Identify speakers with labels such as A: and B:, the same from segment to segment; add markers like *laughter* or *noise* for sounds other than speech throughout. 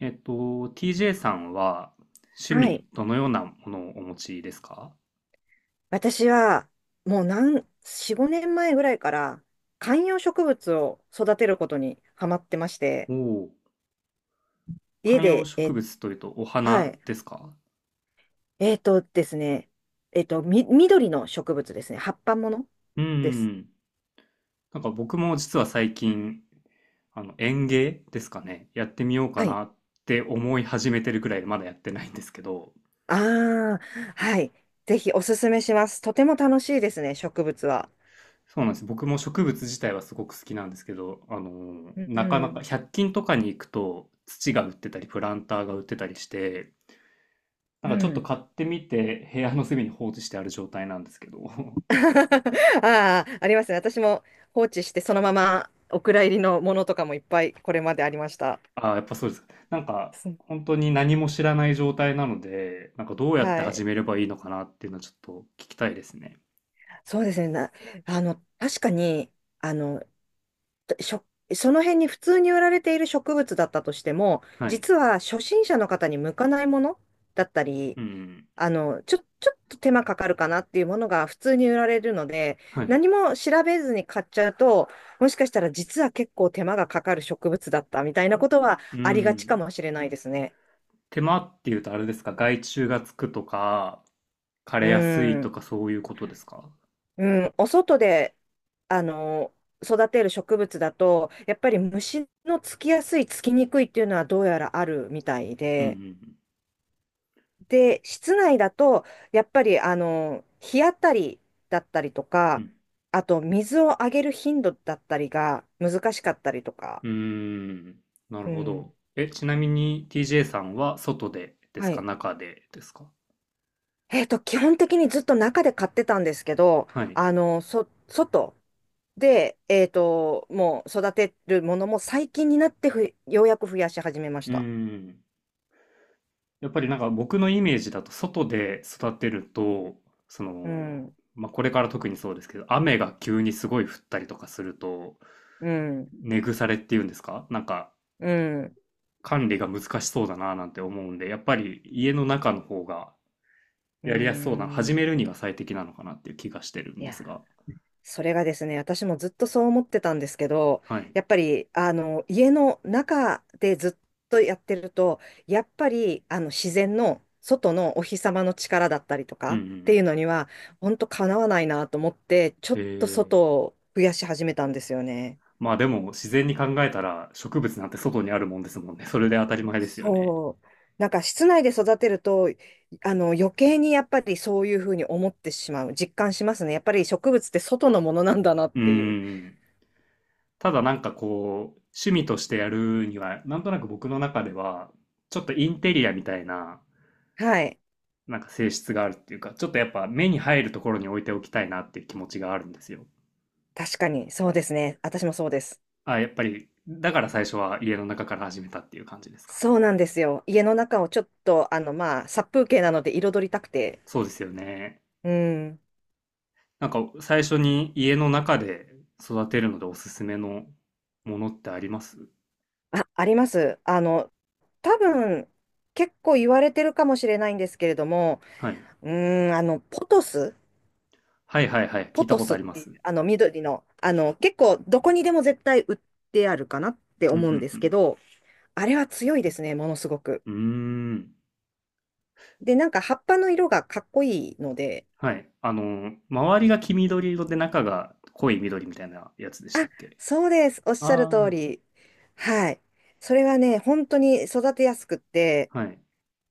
A: えっと、TJ さんは趣
B: はい。
A: 味どのようなものをお持ちですか？
B: 私は、もう何、4、5年前ぐらいから、観葉植物を育てることにハマってまして、
A: おおー、
B: 家
A: 観葉
B: で、
A: 植物というとお
B: は
A: 花
B: い。
A: ですか？
B: えっとですね、えっと、み、緑の植物ですね。葉っぱもの
A: う
B: です。
A: ん。なんか僕も実は最近、園芸ですかね、やってみようか
B: はい。
A: なって思い始めてるくらいでまだやってないんですけど、
B: ああ、はい。ぜひおすすめします。とても楽しいですね、植物は。
A: そうなんです。僕も植物自体はすごく好きなんですけど、
B: う
A: なかな
B: ん。
A: か百均とかに行くと土が売ってたりプランターが売ってたりして、な
B: う
A: んかちょっと
B: ん。
A: 買ってみて部屋の隅に放置してある状態なんですけど *laughs*
B: *laughs* ああ、ありますね。私も放置して、そのままお蔵入りのものとかもいっぱいこれまでありました。
A: ああ、やっぱそうですか。なんか本当に何も知らない状態なので、なんかどうやって
B: は
A: 始
B: い。
A: めればいいのかなっていうのはちょっと聞きたいですね。
B: そうですね。な、あの、確かに、あの、しょ、その辺に普通に売られている植物だったとしても、
A: はい。
B: 実は初心者の方に向かないものだったり、
A: うん。
B: ちょっと手間かかるかなっていうものが普通に売られるので、
A: はい。
B: 何も調べずに買っちゃうと、もしかしたら実は結構手間がかかる植物だったみたいなことは
A: う
B: ありがちか
A: ん。
B: もしれないですね。
A: 手間っていうとあれですか？外注がつくとか枯
B: う
A: れやすいと
B: ん。
A: かそういうことですか？
B: うん、お外で、あの、育てる植物だと、やっぱり虫のつきやすい、つきにくいっていうのはどうやらあるみたい
A: う
B: で、
A: ん
B: で、室内だと、やっぱり、日当たりだったりと
A: うん
B: か、
A: うん。
B: あと、水をあげる頻度だったりが難しかったりとか。
A: うんうーん。なる
B: う
A: ほど。
B: ん、
A: ちなみに TJ さんは外でです
B: は
A: か
B: い。
A: 中でですか？
B: 基本的にずっと中で買ってたんですけど、
A: はい。
B: 外で、もう育てるものも最近になってようやく増やし始めまし
A: う
B: た。
A: ん。やっぱりなんか僕のイメージだと外で育てると、そ
B: う
A: の、
B: ん、
A: まあ、これから特にそうですけど、雨が急にすごい降ったりとかすると、
B: うん、
A: 根腐れっていうんですか、なんか
B: うん、
A: 管理が難しそうだななんて思うんで、やっぱり家の中の方が
B: う
A: やりやすそうな、始める
B: ん。
A: には最適なのかなっていう気がしてるん
B: い
A: で
B: や、
A: すが。
B: それがですね、私もずっとそう思ってたんですけど、
A: はい。
B: やっぱり、家の中でずっとやってると、やっぱり、自然の外のお日様の力だったりと
A: う
B: か
A: んうんう
B: っていう
A: ん。
B: のには、本当かなわないなと思って、ちょ
A: へ
B: っと
A: え。
B: 外を増やし始めたんですよね。
A: まあでも自然に考えたら植物なんて外にあるもんですもんね。それで当たり前ですよね。
B: そう。なんか室内で育てると、余計にやっぱりそういうふうに思ってしまう、実感しますね。やっぱり植物って外のものなんだなっ
A: うん
B: ていう。
A: うん。ただなんかこう、趣味としてやるには、なんとなく僕の中では、ちょっとインテリアみたいな、
B: はい。
A: なんか性質があるっていうか、ちょっとやっぱ目に入るところに置いておきたいなっていう気持ちがあるんですよ。
B: 確かに、そうですね。私もそうです。
A: あ、やっぱり、だから最初は家の中から始めたっていう感じですか。
B: そうなんですよ。家の中をちょっと、まあ、殺風景なので彩りたくて。
A: そうですよね。
B: うん。
A: なんか最初に家の中で育てるのでおすすめのものってあります？
B: あ、あります。多分、結構言われてるかもしれないんですけれども、
A: はい。
B: うん、ポトス。
A: はいはいはい。聞
B: ポ
A: いた
B: ト
A: こと
B: ス
A: あ
B: っ
A: りま
B: て
A: す。
B: いう、緑の、結構、どこにでも絶対売ってあるかなって
A: うんう
B: 思うんですけ
A: ん
B: ど、あれは強いですね、ものすごく。
A: うん。うーん。
B: で、なんか葉っぱの色がかっこいいので。
A: はい。周りが黄緑色で中が濃い緑みたいなやつでした
B: あ、
A: っけ？
B: そうです、おっしゃる通
A: あ、
B: り。はい。それはね、本当に育てやすくって、
A: あーはい。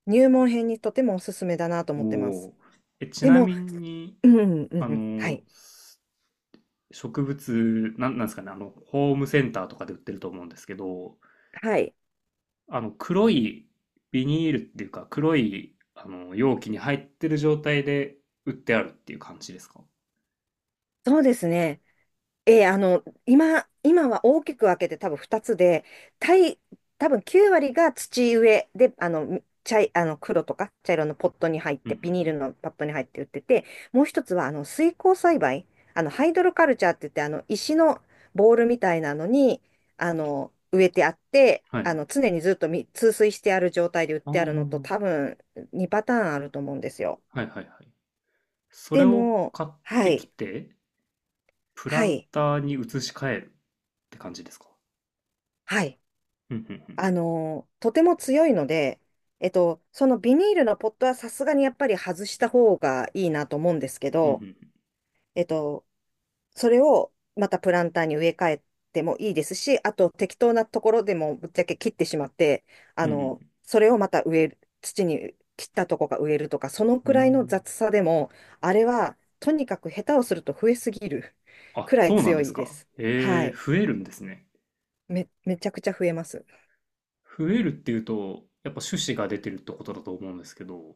B: 入門編にとてもおすすめだなと
A: お
B: 思ってます。
A: お。え、ち
B: で
A: な
B: も、
A: みに、
B: うん、うん、う
A: あ
B: んは
A: の、
B: い。
A: す植物、なんですかね、ホームセンターとかで売ってると思うんですけど、
B: はい。
A: 黒いビニールっていうか、黒い、容器に入ってる状態で売ってあるっていう感じですか？
B: そうですね。ええ今は大きく分けて多分2つで、たい、多分9割が土植えで、あの、茶い、あの、黒とか茶色のポットに入っ
A: うんう
B: て、
A: んう
B: ビニール
A: ん。
B: のパットに入って売ってて、もう一つは、水耕栽培、ハイドロカルチャーって言って、石のボールみたいなのに、植えてあって、
A: はい。
B: 常にずっと通水してある状態で売っ
A: あ、
B: てあるのと、
A: あ。
B: 多分2パターンあると思うんですよ。
A: はいはいはい。それ
B: で
A: を
B: も、
A: 買っ
B: は
A: てき
B: い、
A: て、プラ
B: は
A: ン
B: い、
A: ターに移し替えるって感じですか？
B: はい。
A: うんうんうん。
B: とても強いので、そのビニールのポットはさすがにやっぱり外した方がいいなと思うんですけ
A: うんう
B: ど、
A: ん
B: えっと、それをまたプランターに植え替えてもいいですし、あと適当なところでもぶっちゃけ切ってしまって、
A: うん。うんうん
B: それをまた植える、土に切ったとこが植えるとか、その
A: う
B: くらいの
A: ん。
B: 雑さでも、あれはとにかく下手をすると増えすぎる *laughs*
A: あ、
B: くらい
A: そうなん
B: 強
A: です
B: いで
A: か。
B: す。は
A: え
B: い。
A: ー、増えるんですね。
B: めちゃくちゃ増えます。
A: 増えるっていうと、やっぱ種子が出てるってことだと思うんですけど、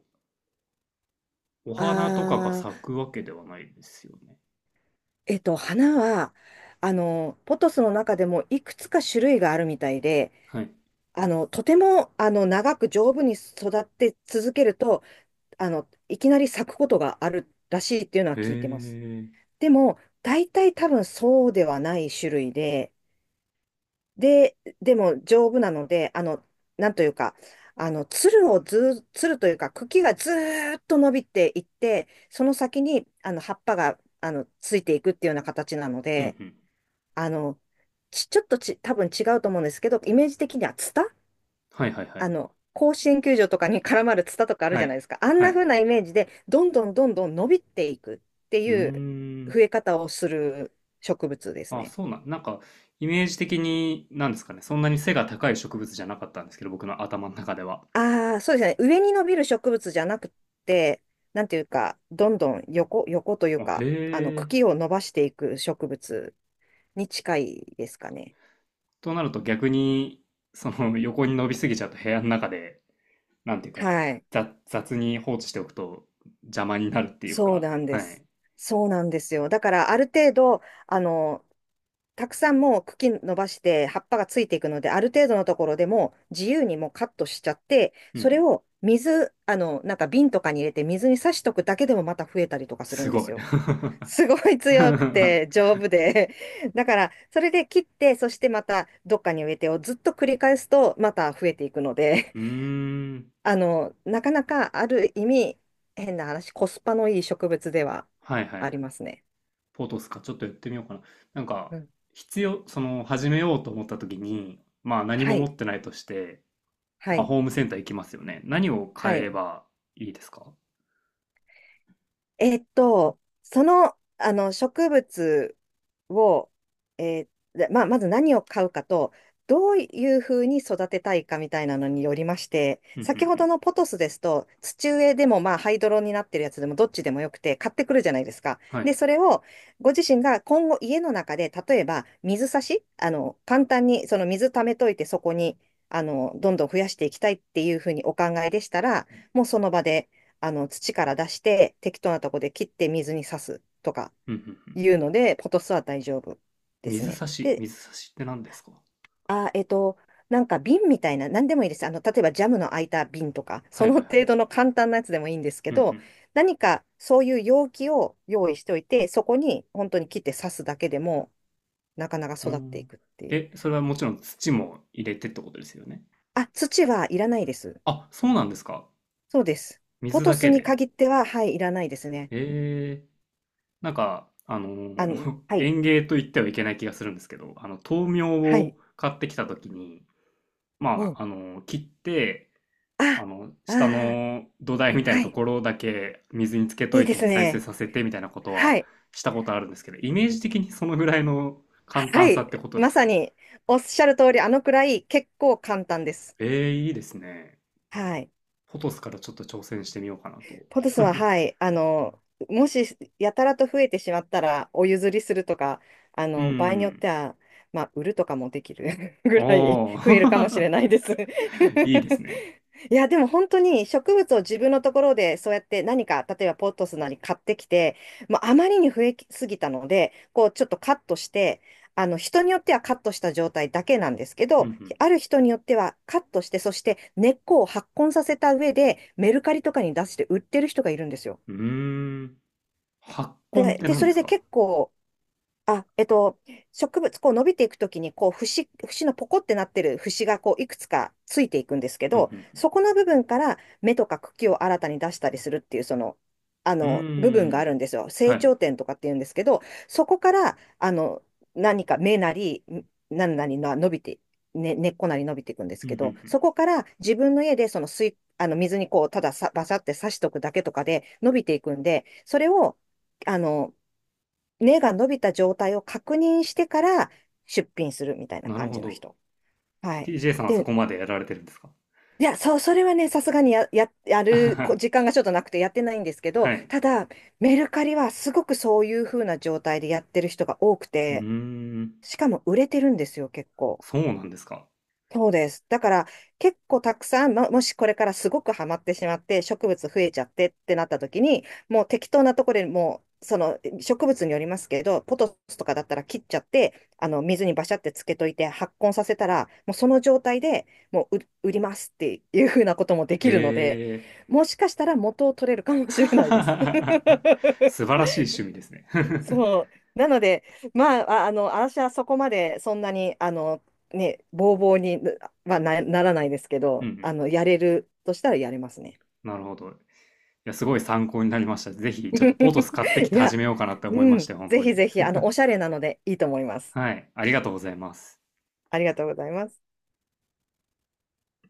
A: お
B: あ
A: 花とかが咲
B: ー
A: くわけではないですよね。
B: 花は、ポトスの中でもいくつか種類があるみたいで、
A: はい。
B: とても、長く丈夫に育って続けると、いきなり咲くことがあるらしいっていうのは
A: え
B: 聞いてます。
A: ー。
B: でも、大体多分そうではない種類で、でも丈夫なので、なんというか、あの、つるをずー、つるというか、茎がずーっと伸びていって、その先に、葉っぱが、ついていくっていうような形なの
A: うんう
B: で、
A: ん。
B: あの、ち、ちょっとち、多分違うと思うんですけど、イメージ的にはツタ。
A: はいはいはい。
B: 甲子園球場とかに絡まるツタとかある
A: は
B: じゃない
A: い。
B: ですか。あん
A: は
B: な
A: い。
B: 風なイメージで、どんどんどんどん伸びていくって
A: うー
B: いう増
A: ん。
B: え方をする植物です
A: あ、
B: ね。
A: なんか、イメージ的に、なんですかね、そんなに背が高い植物じゃなかったんですけど、僕の頭の中では。
B: ああ、そうですね。上に伸びる植物じゃなくて、なんていうか、どんどん横、横という
A: あ、へ
B: か、
A: え。
B: 茎を伸ばしていく植物に近いですかね。
A: となると逆に、その *laughs* 横に伸びすぎちゃうと部屋の中で、なんていうか、
B: はい。
A: 雑雑に放置しておくと邪魔になるっていう
B: そう
A: か、
B: なんで
A: は
B: す。
A: い。
B: そうなんですよ。だから、ある程度、あの、たくさんもう茎伸ばして葉っぱがついていくので、ある程度のところでもう自由にもうカットしちゃって、
A: うんう
B: それ
A: ん。
B: を水、なんか瓶とかに入れて水に挿しとくだけでもまた増えたりとかする
A: す
B: んで
A: ご
B: す
A: い。*laughs*
B: よ。
A: う
B: すごい強くて丈夫で。*laughs* だから、それで切って、そしてまたどっかに植えてをずっと繰り返すとまた増えていくので、
A: ーん。
B: *laughs* なかなかある意味、変な話、コスパのいい植物では
A: はいはいは
B: あ
A: い。
B: りますね。
A: ポトスか。ちょっとやってみようかな。なんか、
B: うん。
A: 必要、始めようと思った時に、まあ何
B: は
A: も持
B: い。
A: ってないとして、
B: は
A: まあ、
B: い。
A: ホームセンター行きますよね。何を
B: は
A: 買え
B: い。
A: ばいいですか？
B: えっと、植物を、えでまあ、まず何を買うかと、どういうふうに育てたいかみたいなのによりまして、
A: うんうんう
B: 先ほど
A: ん。
B: のポトスですと、土植えでも、まあ、ハイドロになってるやつでもどっちでもよくて、買ってくるじゃないですか。
A: は
B: で、
A: い。
B: それをご自身が今後家の中で、例えば水差し、簡単にその水溜めといて、そこにどんどん増やしていきたいっていうふうにお考えでしたら、もうその場で、土から出して、適当なとこで切って水に刺すとか
A: うんうんうん。
B: いうので、ポトスは大丈夫です
A: 水
B: ね。
A: 差し、
B: で、
A: 水差しって何ですか？
B: あ、なんか瓶みたいな、何でもいいです。例えばジャムの空いた瓶とか、
A: は
B: そ
A: い
B: の
A: はいはい。
B: 程度の簡単なやつでもいいんですけ
A: う
B: ど、
A: ん
B: 何かそういう容器を用意しておいて、そこに本当に切って刺すだけでも、なかなか
A: うん。う
B: 育ってい
A: ん。
B: くっていう。
A: え、それはもちろん土も入れてってことですよね。
B: あ、土はいらないです。
A: あ、そうなんですか。
B: そうです。ポ
A: 水
B: ト
A: だ
B: ス
A: け
B: に
A: で。
B: 限っては、はい、いらないですね。
A: えー、なんか、*laughs*
B: はい、
A: 園芸と言ってはいけない気がするんですけど、豆苗
B: はい。
A: を買ってきたときに、ま
B: お、
A: あ、切って、
B: あ、
A: 下
B: ああ。
A: の土台みたいな
B: は
A: と
B: い。
A: ころだけ水につけと
B: いい
A: い
B: で
A: て
B: す
A: 再生
B: ね。
A: させてみたいなこと
B: は
A: は
B: い。
A: したことあるんですけど、イメージ的にそのぐらいの簡
B: は
A: 単さって
B: い。
A: ことで
B: ま
A: す
B: さ
A: か？
B: に、おっしゃる通り、あのくらい結構簡単です。
A: えーいいですね。
B: はい。
A: ポトスからちょっと挑戦してみようかなと。
B: ポトスは、
A: *laughs*
B: はい。もし、やたらと増えてしまったら、お譲りするとか、
A: う
B: 場合によっ
A: ん。
B: ては、まあ、売るとかもできる *laughs*
A: あ
B: ぐらい増えるかもしれない
A: あ、
B: です。
A: *laughs* いいですね。
B: *laughs* いや、でも本当に植物を自分のところでそうやって何か、例えばポットスなり買ってきて、もうあまりに増えすぎたので、こうちょっとカットして、あの人によってはカットした状態だけなんですけ
A: う
B: ど、
A: ん
B: ある人によってはカットして、そして根っこを発根させた上でメルカリとかに出して売ってる人がいるんですよ。
A: うん。うーん。発根っ
B: で、
A: て何
B: そ
A: で
B: れ
A: す
B: で
A: か？
B: 結構、あ、えっと、植物、こう伸びていくときに、こう、節、節のポコってなってる節が、こう、いくつかついていくんですけ
A: うんう
B: ど、
A: ん
B: そこの部分から芽とか茎を新たに出したりするっていう、
A: うん。う
B: 部分
A: ー
B: がある
A: ん。
B: んですよ。
A: は
B: 成
A: い。
B: 長点とかっていうんですけど、そこから、何か芽なり、何々な伸びて、ね、根っこなり伸びていくんです
A: うんう
B: け
A: んう
B: ど、そこから自分の家で、その水、あの、水にこう、たださ、バサって刺しとくだけとかで伸びていくんで、それを、あの、根が伸びた状態を確認してから出品するみたい
A: ん。
B: な
A: なる
B: 感
A: ほ
B: じの
A: ど。
B: 人。はい。
A: TJ さんはそ
B: で、
A: こまでやられてるんですか？
B: いや、そう、それはね、さすがにや、や、やるこ時
A: *laughs*
B: 間がちょっとなくてやってないんですけど、
A: はい。
B: ただ、メルカリはすごくそういう風な状態でやってる人が多く
A: うー
B: て、
A: ん。
B: しかも売れてるんですよ、結構。
A: そうなんですか。
B: そうです。だから結構たくさん、ももしこれからすごくハマってしまって植物増えちゃってってなった時に、もう適当なところで、もうその植物によりますけど、ポトスとかだったら切っちゃって、あの水にバシャってつけといて発根させたら、もうその状態でもう売売りますっていうふうなこともでき
A: へ
B: るので、
A: え。
B: もしかしたら元を取れるか
A: *laughs*
B: もしれないです。
A: 素
B: *laughs*
A: 晴らしい趣味ですね。 *laughs*
B: そう。なので、まあ、私はそこまでそんなに、ね、ボーボーにはならないですけ
A: うんう
B: ど、
A: ん。
B: やれるとしたらやれますね。
A: なるほど。や、すごい参考になりました。ぜひ、ちょっとポトス買ってき
B: *laughs* い
A: て始
B: や、
A: めようかなって思い
B: う
A: ました
B: ん、
A: よ、本
B: ぜ
A: 当に。
B: ひぜひ、
A: *laughs*
B: おしゃれなのでいいと思います。
A: はい、ありがとうございます。
B: ありがとうございます。